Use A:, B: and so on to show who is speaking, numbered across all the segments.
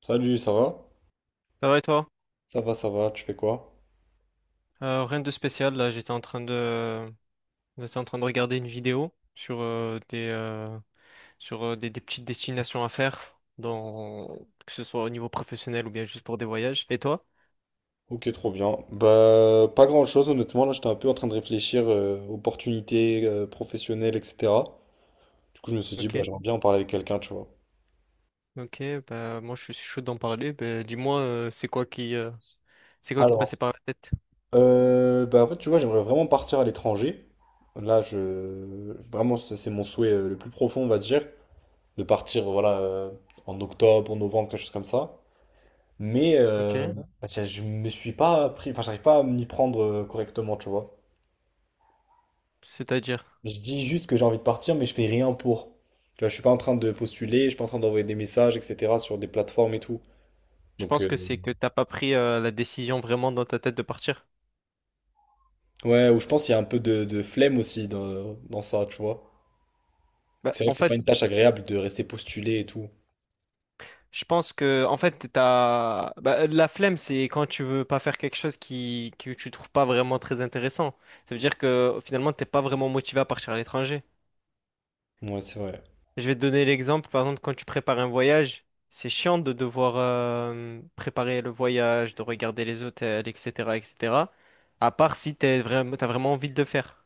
A: Salut, ça va?
B: Ça va et toi?
A: Ça va, ça va, tu fais quoi?
B: Rien de spécial, là j'étais en train de regarder une vidéo sur des sur des petites destinations à faire dans que ce soit au niveau professionnel ou bien juste pour des voyages. Et toi?
A: Ok, trop bien. Bah, pas grand-chose, honnêtement. Là, j'étais un peu en train de réfléchir opportunités professionnelles, etc. Du coup, je me suis dit, bah,
B: Ok,
A: j'aimerais bien en parler avec quelqu'un, tu vois.
B: ok, bah moi je suis chaud d'en parler. Bah, dis-moi c'est quoi qui te passait
A: Alors,
B: par la tête?
A: bah, en fait, tu vois, j'aimerais vraiment partir à l'étranger. Là, je... Vraiment, c'est mon souhait le plus profond, on va dire, de partir, voilà, en octobre, en novembre, quelque chose comme ça. Mais
B: Ok,
A: bah, je me suis pas pris... Enfin, j'arrive pas à m'y prendre correctement, tu vois.
B: c'est-à-dire,
A: Je dis juste que j'ai envie de partir, mais je fais rien pour. Tu vois, je suis pas en train de postuler, je suis pas en train d'envoyer des messages, etc. sur des plateformes et tout.
B: je
A: Donc,
B: pense que c'est que t'as pas pris la décision vraiment dans ta tête de partir.
A: ouais, ou je pense qu'il y a un peu de flemme aussi dans ça, tu vois. Parce que
B: Bah,
A: c'est vrai
B: en
A: que c'est pas
B: fait,
A: une tâche agréable de rester postulé et tout.
B: je pense que, en fait, t'as... Bah, la flemme, c'est quand tu veux pas faire quelque chose que tu trouves pas vraiment très intéressant. Ça veut dire que finalement, t'es pas vraiment motivé à partir à l'étranger.
A: Ouais, c'est vrai.
B: Je vais te donner l'exemple, par exemple, quand tu prépares un voyage, c'est chiant de devoir préparer le voyage, de regarder les hôtels, etc., etc. À part si t'as vraiment envie de le faire.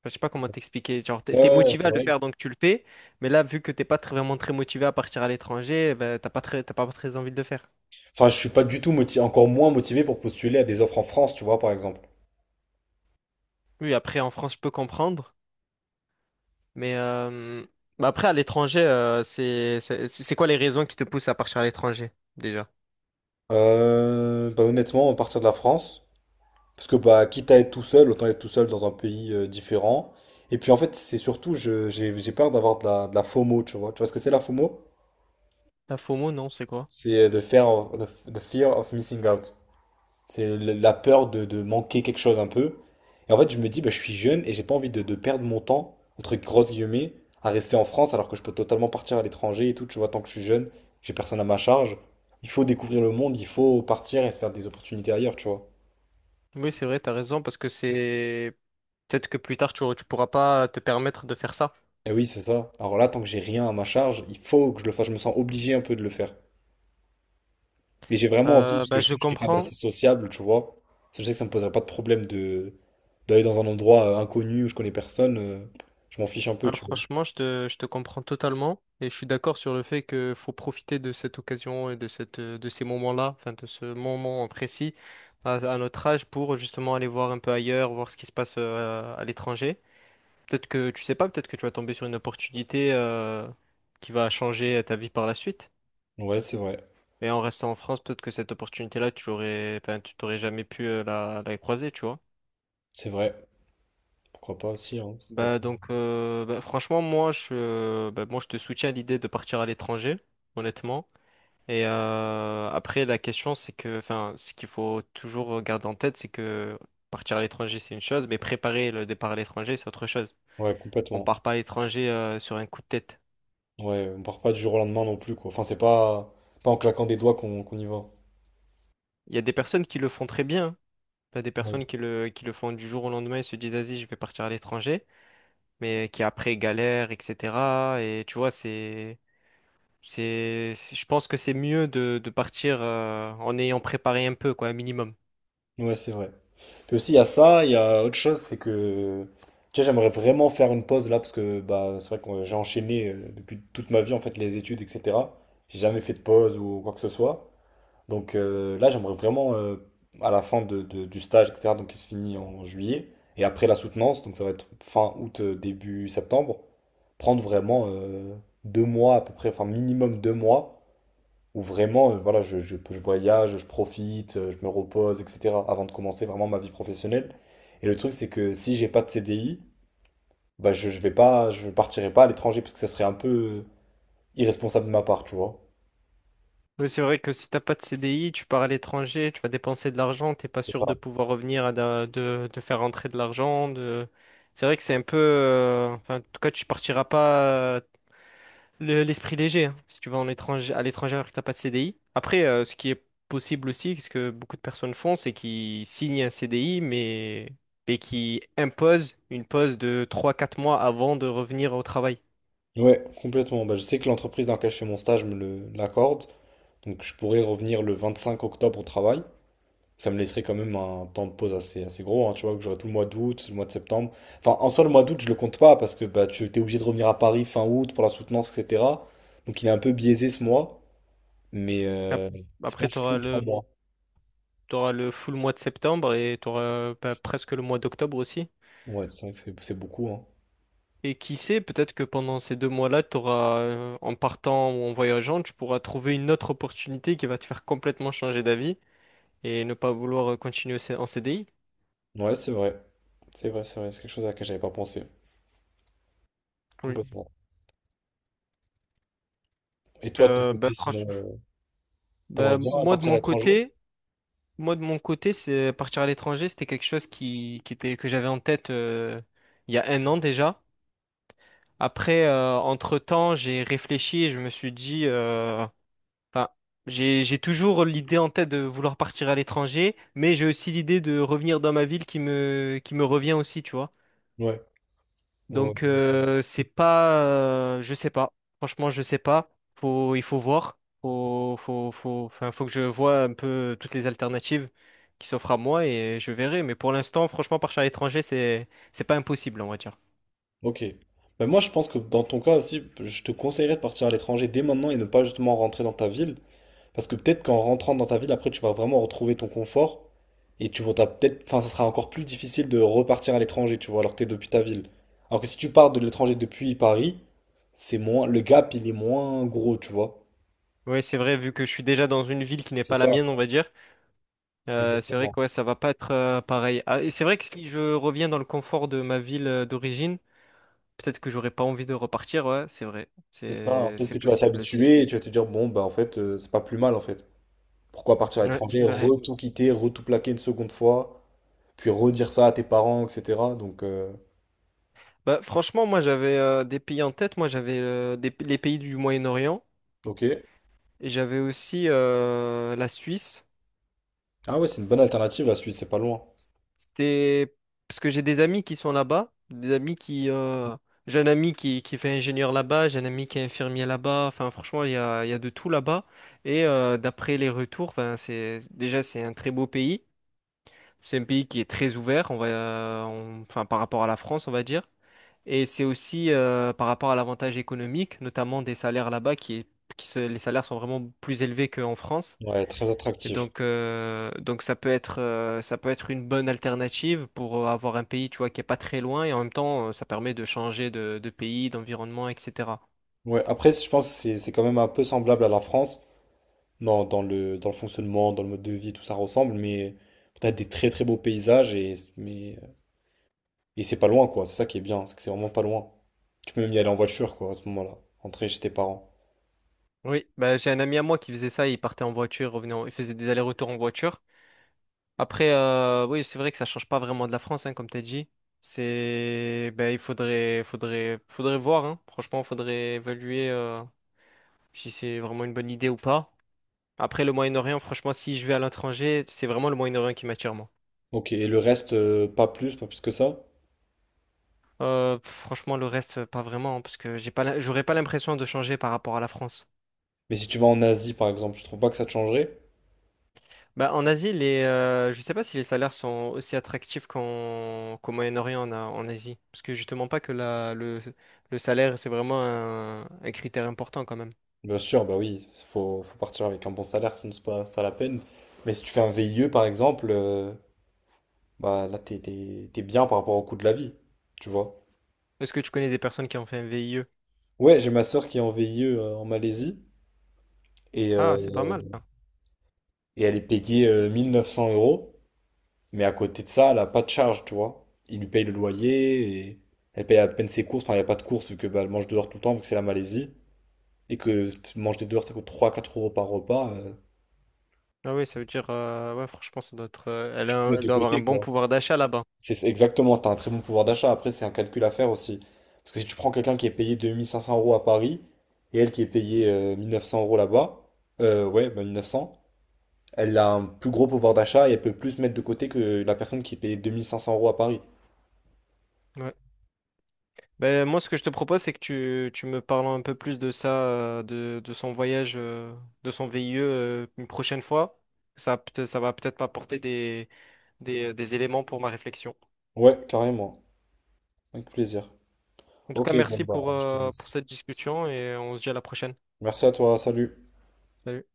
B: Enfin, je sais pas comment t'expliquer. Genre, t'es
A: Ouais,
B: t'es
A: ouais,
B: motivé
A: c'est
B: à le
A: vrai.
B: faire, donc tu le fais. Mais là, vu que t'es pas très- vraiment très motivé à partir à l'étranger, bah, t'as pas très envie de le faire.
A: Enfin, je suis pas du tout motivé, encore moins motivé pour postuler à des offres en France, tu vois, par exemple.
B: Oui, après, en France, je peux comprendre. Mais bah après, à l'étranger, c'est quoi les raisons qui te poussent à partir à l'étranger, déjà?
A: Bah, honnêtement, à partir de la France. Parce que bah, quitte à être tout seul, autant être tout seul dans un pays différent. Et puis en fait, c'est surtout, j'ai peur d'avoir de la FOMO, tu vois. Tu vois ce que c'est la FOMO?
B: La FOMO, non, c'est quoi?
A: C'est the fear of missing out. C'est la peur de manquer quelque chose un peu. Et en fait, je me dis, bah, je suis jeune et j'ai pas envie de perdre mon temps, entre grosses guillemets, à rester en France alors que je peux totalement partir à l'étranger et tout. Tu vois, tant que je suis jeune, j'ai personne à ma charge. Il faut découvrir le monde, il faut partir et se faire des opportunités ailleurs, tu vois.
B: Oui, c'est vrai, t'as raison, parce que c'est... Peut-être que plus tard, tu pourras pas te permettre de faire ça.
A: Et oui, c'est ça. Alors là, tant que j'ai rien à ma charge, il faut que je le fasse. Je me sens obligé un peu de le faire. Et j'ai vraiment envie, parce que
B: Bah,
A: je
B: je
A: suis quelqu'un
B: comprends.
A: d'assez sociable, tu vois. Je sais que ça me poserait pas de problème de d'aller dans un endroit inconnu où je connais personne. Je m'en fiche un peu,
B: Hein,
A: tu vois.
B: franchement, je te comprends totalement. Et je suis d'accord sur le fait que faut profiter de cette occasion et de de ces moments-là, enfin, de ce moment précis à notre âge pour justement aller voir un peu ailleurs, voir ce qui se passe à l'étranger. Peut-être que tu sais pas, peut-être que tu vas tomber sur une opportunité qui va changer ta vie par la suite.
A: Ouais, c'est vrai.
B: Et en restant en France, peut-être que cette opportunité-là, tu l'aurais, enfin, tu t'aurais jamais pu la croiser, tu vois.
A: C'est vrai. Pourquoi pas aussi, hein, c'est
B: Bah
A: peut-être.
B: donc, bah, franchement, moi, je te soutiens à l'idée de partir à l'étranger, honnêtement. Et après, la question, c'est que, enfin, ce qu'il faut toujours garder en tête, c'est que partir à l'étranger, c'est une chose, mais préparer le départ à l'étranger, c'est autre chose.
A: Ouais,
B: On
A: complètement.
B: part pas à l'étranger sur un coup de tête.
A: Ouais, on part pas du jour au lendemain non plus, quoi. Enfin, c'est pas, pas en claquant des doigts qu'on y va.
B: Il y a des personnes qui le font très bien, hein. T'as des personnes qui le font du jour au lendemain et se disent, vas-y, je vais partir à l'étranger, mais qui après galèrent, etc. Et tu vois, je pense que c'est mieux de, partir en ayant préparé un peu, quoi, un minimum.
A: Ouais, c'est vrai. Puis aussi, il y a ça, il y a autre chose, c'est que, tu sais, j'aimerais vraiment faire une pause là, parce que bah, c'est vrai que j'ai enchaîné depuis toute ma vie, en fait, les études, etc. J'ai jamais fait de pause ou quoi que ce soit. Donc là, j'aimerais vraiment, à la fin du stage, etc., donc qui se finit en juillet, et après la soutenance, donc ça va être fin août, début septembre, prendre vraiment 2 mois à peu près, enfin minimum 2 mois, où vraiment, voilà, je voyage, je profite, je me repose, etc. avant de commencer vraiment ma vie professionnelle. Et le truc, c'est que si j'ai pas de CDI, bah je vais pas, je partirai pas à l'étranger parce que ça serait un peu irresponsable de ma part, tu vois.
B: Oui, c'est vrai que si t'as pas de CDI tu pars à l'étranger, tu vas dépenser de l'argent, t'es pas
A: C'est
B: sûr de
A: ça.
B: pouvoir revenir, de, faire rentrer de l'argent. De... C'est vrai que c'est un peu, enfin, en tout cas, tu partiras pas l'esprit léger, hein, si tu vas à l'étranger alors que t'as pas de CDI. Après, ce qui est possible aussi, ce que beaucoup de personnes font, c'est qu'ils signent un CDI, et qui imposent une pause de 3-4 mois avant de revenir au travail.
A: Ouais, complètement. Bah, je sais que l'entreprise dans laquelle je fais mon stage me l'accorde, donc je pourrais revenir le 25 octobre au travail. Ça me laisserait quand même un temps de pause assez, assez gros, hein, tu vois, que j'aurais tout le mois d'août, le mois de septembre. Enfin, en soi, le mois d'août, je le compte pas parce que bah, tu es obligé de revenir à Paris fin août pour la soutenance, etc. Donc il est un peu biaisé ce mois, mais
B: Ap-
A: c'est pas
B: Après,
A: fou pour mois.
B: t'auras le full mois de septembre et tu auras presque le mois d'octobre aussi.
A: Ouais, c'est vrai que c'est beaucoup, hein.
B: Et qui sait, peut-être que pendant ces 2 mois-là, tu auras, en partant ou en voyageant, tu pourras trouver une autre opportunité qui va te faire complètement changer d'avis et ne pas vouloir continuer en CDI.
A: Ouais, c'est vrai. C'est vrai, c'est vrai. C'est quelque chose à laquelle j'avais pas pensé. Complètement. Et toi, de ton
B: Bah,
A: côté, sinon, euh, t'aimerais
B: bah,
A: bien
B: moi de
A: partir à
B: mon
A: l'étranger?
B: côté, moi de mon côté, c'est partir à l'étranger, c'était quelque chose qui était que j'avais en tête il y a un an déjà. Après, entre-temps, j'ai réfléchi et je me suis dit, enfin, j'ai toujours l'idée en tête de vouloir partir à l'étranger, mais j'ai aussi l'idée de revenir dans ma ville qui me revient aussi, tu vois.
A: Ouais. Ouais,
B: Donc
A: ouais.
B: c'est pas, je sais pas. Franchement, je sais pas. Il faut voir. Enfin, faut que je vois un peu toutes les alternatives qui s'offrent à moi et je verrai. Mais pour l'instant, franchement, partir à l'étranger, c'est pas impossible, on va dire.
A: Ok. Ben moi, je pense que dans ton cas aussi, je te conseillerais de partir à l'étranger dès maintenant et ne pas justement rentrer dans ta ville. Parce que peut-être qu'en rentrant dans ta ville, après, tu vas vraiment retrouver ton confort et tu vas t'as peut-être, enfin, ça sera encore plus difficile de repartir à l'étranger, tu vois, alors que t'es depuis ta ville. Alors que si tu pars de l'étranger depuis Paris, c'est moins, le gap, il est moins gros, tu vois.
B: Oui, c'est vrai. Vu que je suis déjà dans une ville qui n'est
A: C'est
B: pas la
A: ça,
B: mienne, on va dire. C'est vrai
A: exactement.
B: que ouais, ça va pas être pareil. Ah, et c'est vrai que si je reviens dans le confort de ma ville d'origine, peut-être que j'aurais pas envie de repartir. Ouais, c'est vrai.
A: C'est ça. Hein. Peut-être
B: C'est
A: que tu vas
B: possible aussi.
A: t'habituer et tu vas te dire, bon, bah, en fait, c'est pas plus mal, en fait. Pourquoi partir à
B: Ouais,
A: l'étranger,
B: c'est vrai.
A: re tout quitter, re tout plaquer une seconde fois, puis redire ça à tes parents, etc. Donc,
B: Bah, franchement, moi j'avais des pays en tête. Moi j'avais les pays du Moyen-Orient
A: ok.
B: et j'avais aussi la Suisse.
A: Ah ouais, c'est une bonne alternative, la Suisse, c'est pas loin.
B: C'était parce que j'ai des amis qui sont là-bas, des amis qui. J'ai un ami qui fait ingénieur là-bas, j'ai un ami qui est infirmier là-bas. Enfin, franchement, il y a de tout là-bas. Et d'après les retours, enfin, c'est un très beau pays. C'est un pays qui est très ouvert. Enfin, par rapport à la France, on va dire. Et c'est aussi par rapport à l'avantage économique, notamment des salaires là-bas, qui est, qui se- les salaires sont vraiment plus élevés qu'en France.
A: Ouais, très
B: Et
A: attractif.
B: donc ça peut être une bonne alternative pour avoir un pays, tu vois, qui est pas très loin et en même temps, ça permet de changer de, pays, d'environnement, etc.
A: Ouais, après, je pense que c'est quand même un peu semblable à la France, dans le fonctionnement, dans le mode de vie, tout ça ressemble, mais t'as des très très beaux paysages et, mais, et c'est pas loin, quoi. C'est ça qui est bien, c'est que c'est vraiment pas loin. Tu peux même y aller en voiture, quoi, à ce moment-là, rentrer chez tes parents.
B: Oui, bah, j'ai un ami à moi qui faisait ça, il partait en voiture, il faisait des allers-retours en voiture. Après, oui, c'est vrai que ça change pas vraiment de la France, hein, comme t'as dit. C'est, ben, il faudrait, voir, hein. Franchement, faudrait évaluer si c'est vraiment une bonne idée ou pas. Après, le Moyen-Orient, franchement, si je vais à l'étranger, c'est vraiment le Moyen-Orient qui m'attire, moi.
A: Ok, et le reste, pas plus, pas plus que ça.
B: Franchement, le reste, pas vraiment, hein, parce que j'aurais pas l'impression de changer par rapport à la France.
A: Mais si tu vas en Asie, par exemple, tu trouves pas que ça te changerait?
B: Bah, en Asie, je sais pas si les salaires sont aussi attractifs qu'au Moyen-Orient, en Asie. Parce que justement, pas que le salaire, c'est vraiment un critère important quand même.
A: Bien sûr, bah oui, faut partir avec un bon salaire, sinon c'est pas la peine. Mais si tu fais un VIE, par exemple, bah là, t'es bien par rapport au coût de la vie, tu vois.
B: Est-ce que tu connais des personnes qui ont fait un VIE?
A: Ouais, j'ai ma sœur qui est en VIE en Malaisie et, euh,
B: Ah, c'est pas mal ça.
A: et elle est payée 1900 euros, mais à côté de ça, elle a pas de charge, tu vois. Ils lui payent le loyer et elle paye à peine ses courses. Enfin, il n'y a pas de courses vu que bah, elle mange dehors tout le temps vu que c'est la Malaisie et que manger dehors ça coûte trois quatre euros par repas. euh,
B: Ah oui,
A: c'est
B: ça veut dire, ouais, franchement, ça doit être,
A: tout mettre
B: elle
A: de
B: doit avoir un
A: côté,
B: bon
A: quoi.
B: pouvoir d'achat là-bas.
A: C'est exactement, t'as un très bon pouvoir d'achat. Après, c'est un calcul à faire aussi. Parce que si tu prends quelqu'un qui est payé 2500 euros à Paris et elle qui est payée 1900 euros là-bas, ouais, bah 1900. Elle a un plus gros pouvoir d'achat et elle peut plus mettre de côté que la personne qui paye 2500 euros à Paris.
B: Ouais. Ben, moi, ce que je te propose, c'est que tu me parles un peu plus de ça, de son voyage, de son VIE, une prochaine fois. Ça, ça va peut-être m'apporter des des éléments pour ma réflexion.
A: Ouais, carrément. Avec plaisir.
B: En tout cas,
A: Ok, bon,
B: merci
A: bah, je te
B: pour
A: laisse.
B: cette discussion et on se dit à la prochaine.
A: Merci à toi, salut.
B: Salut.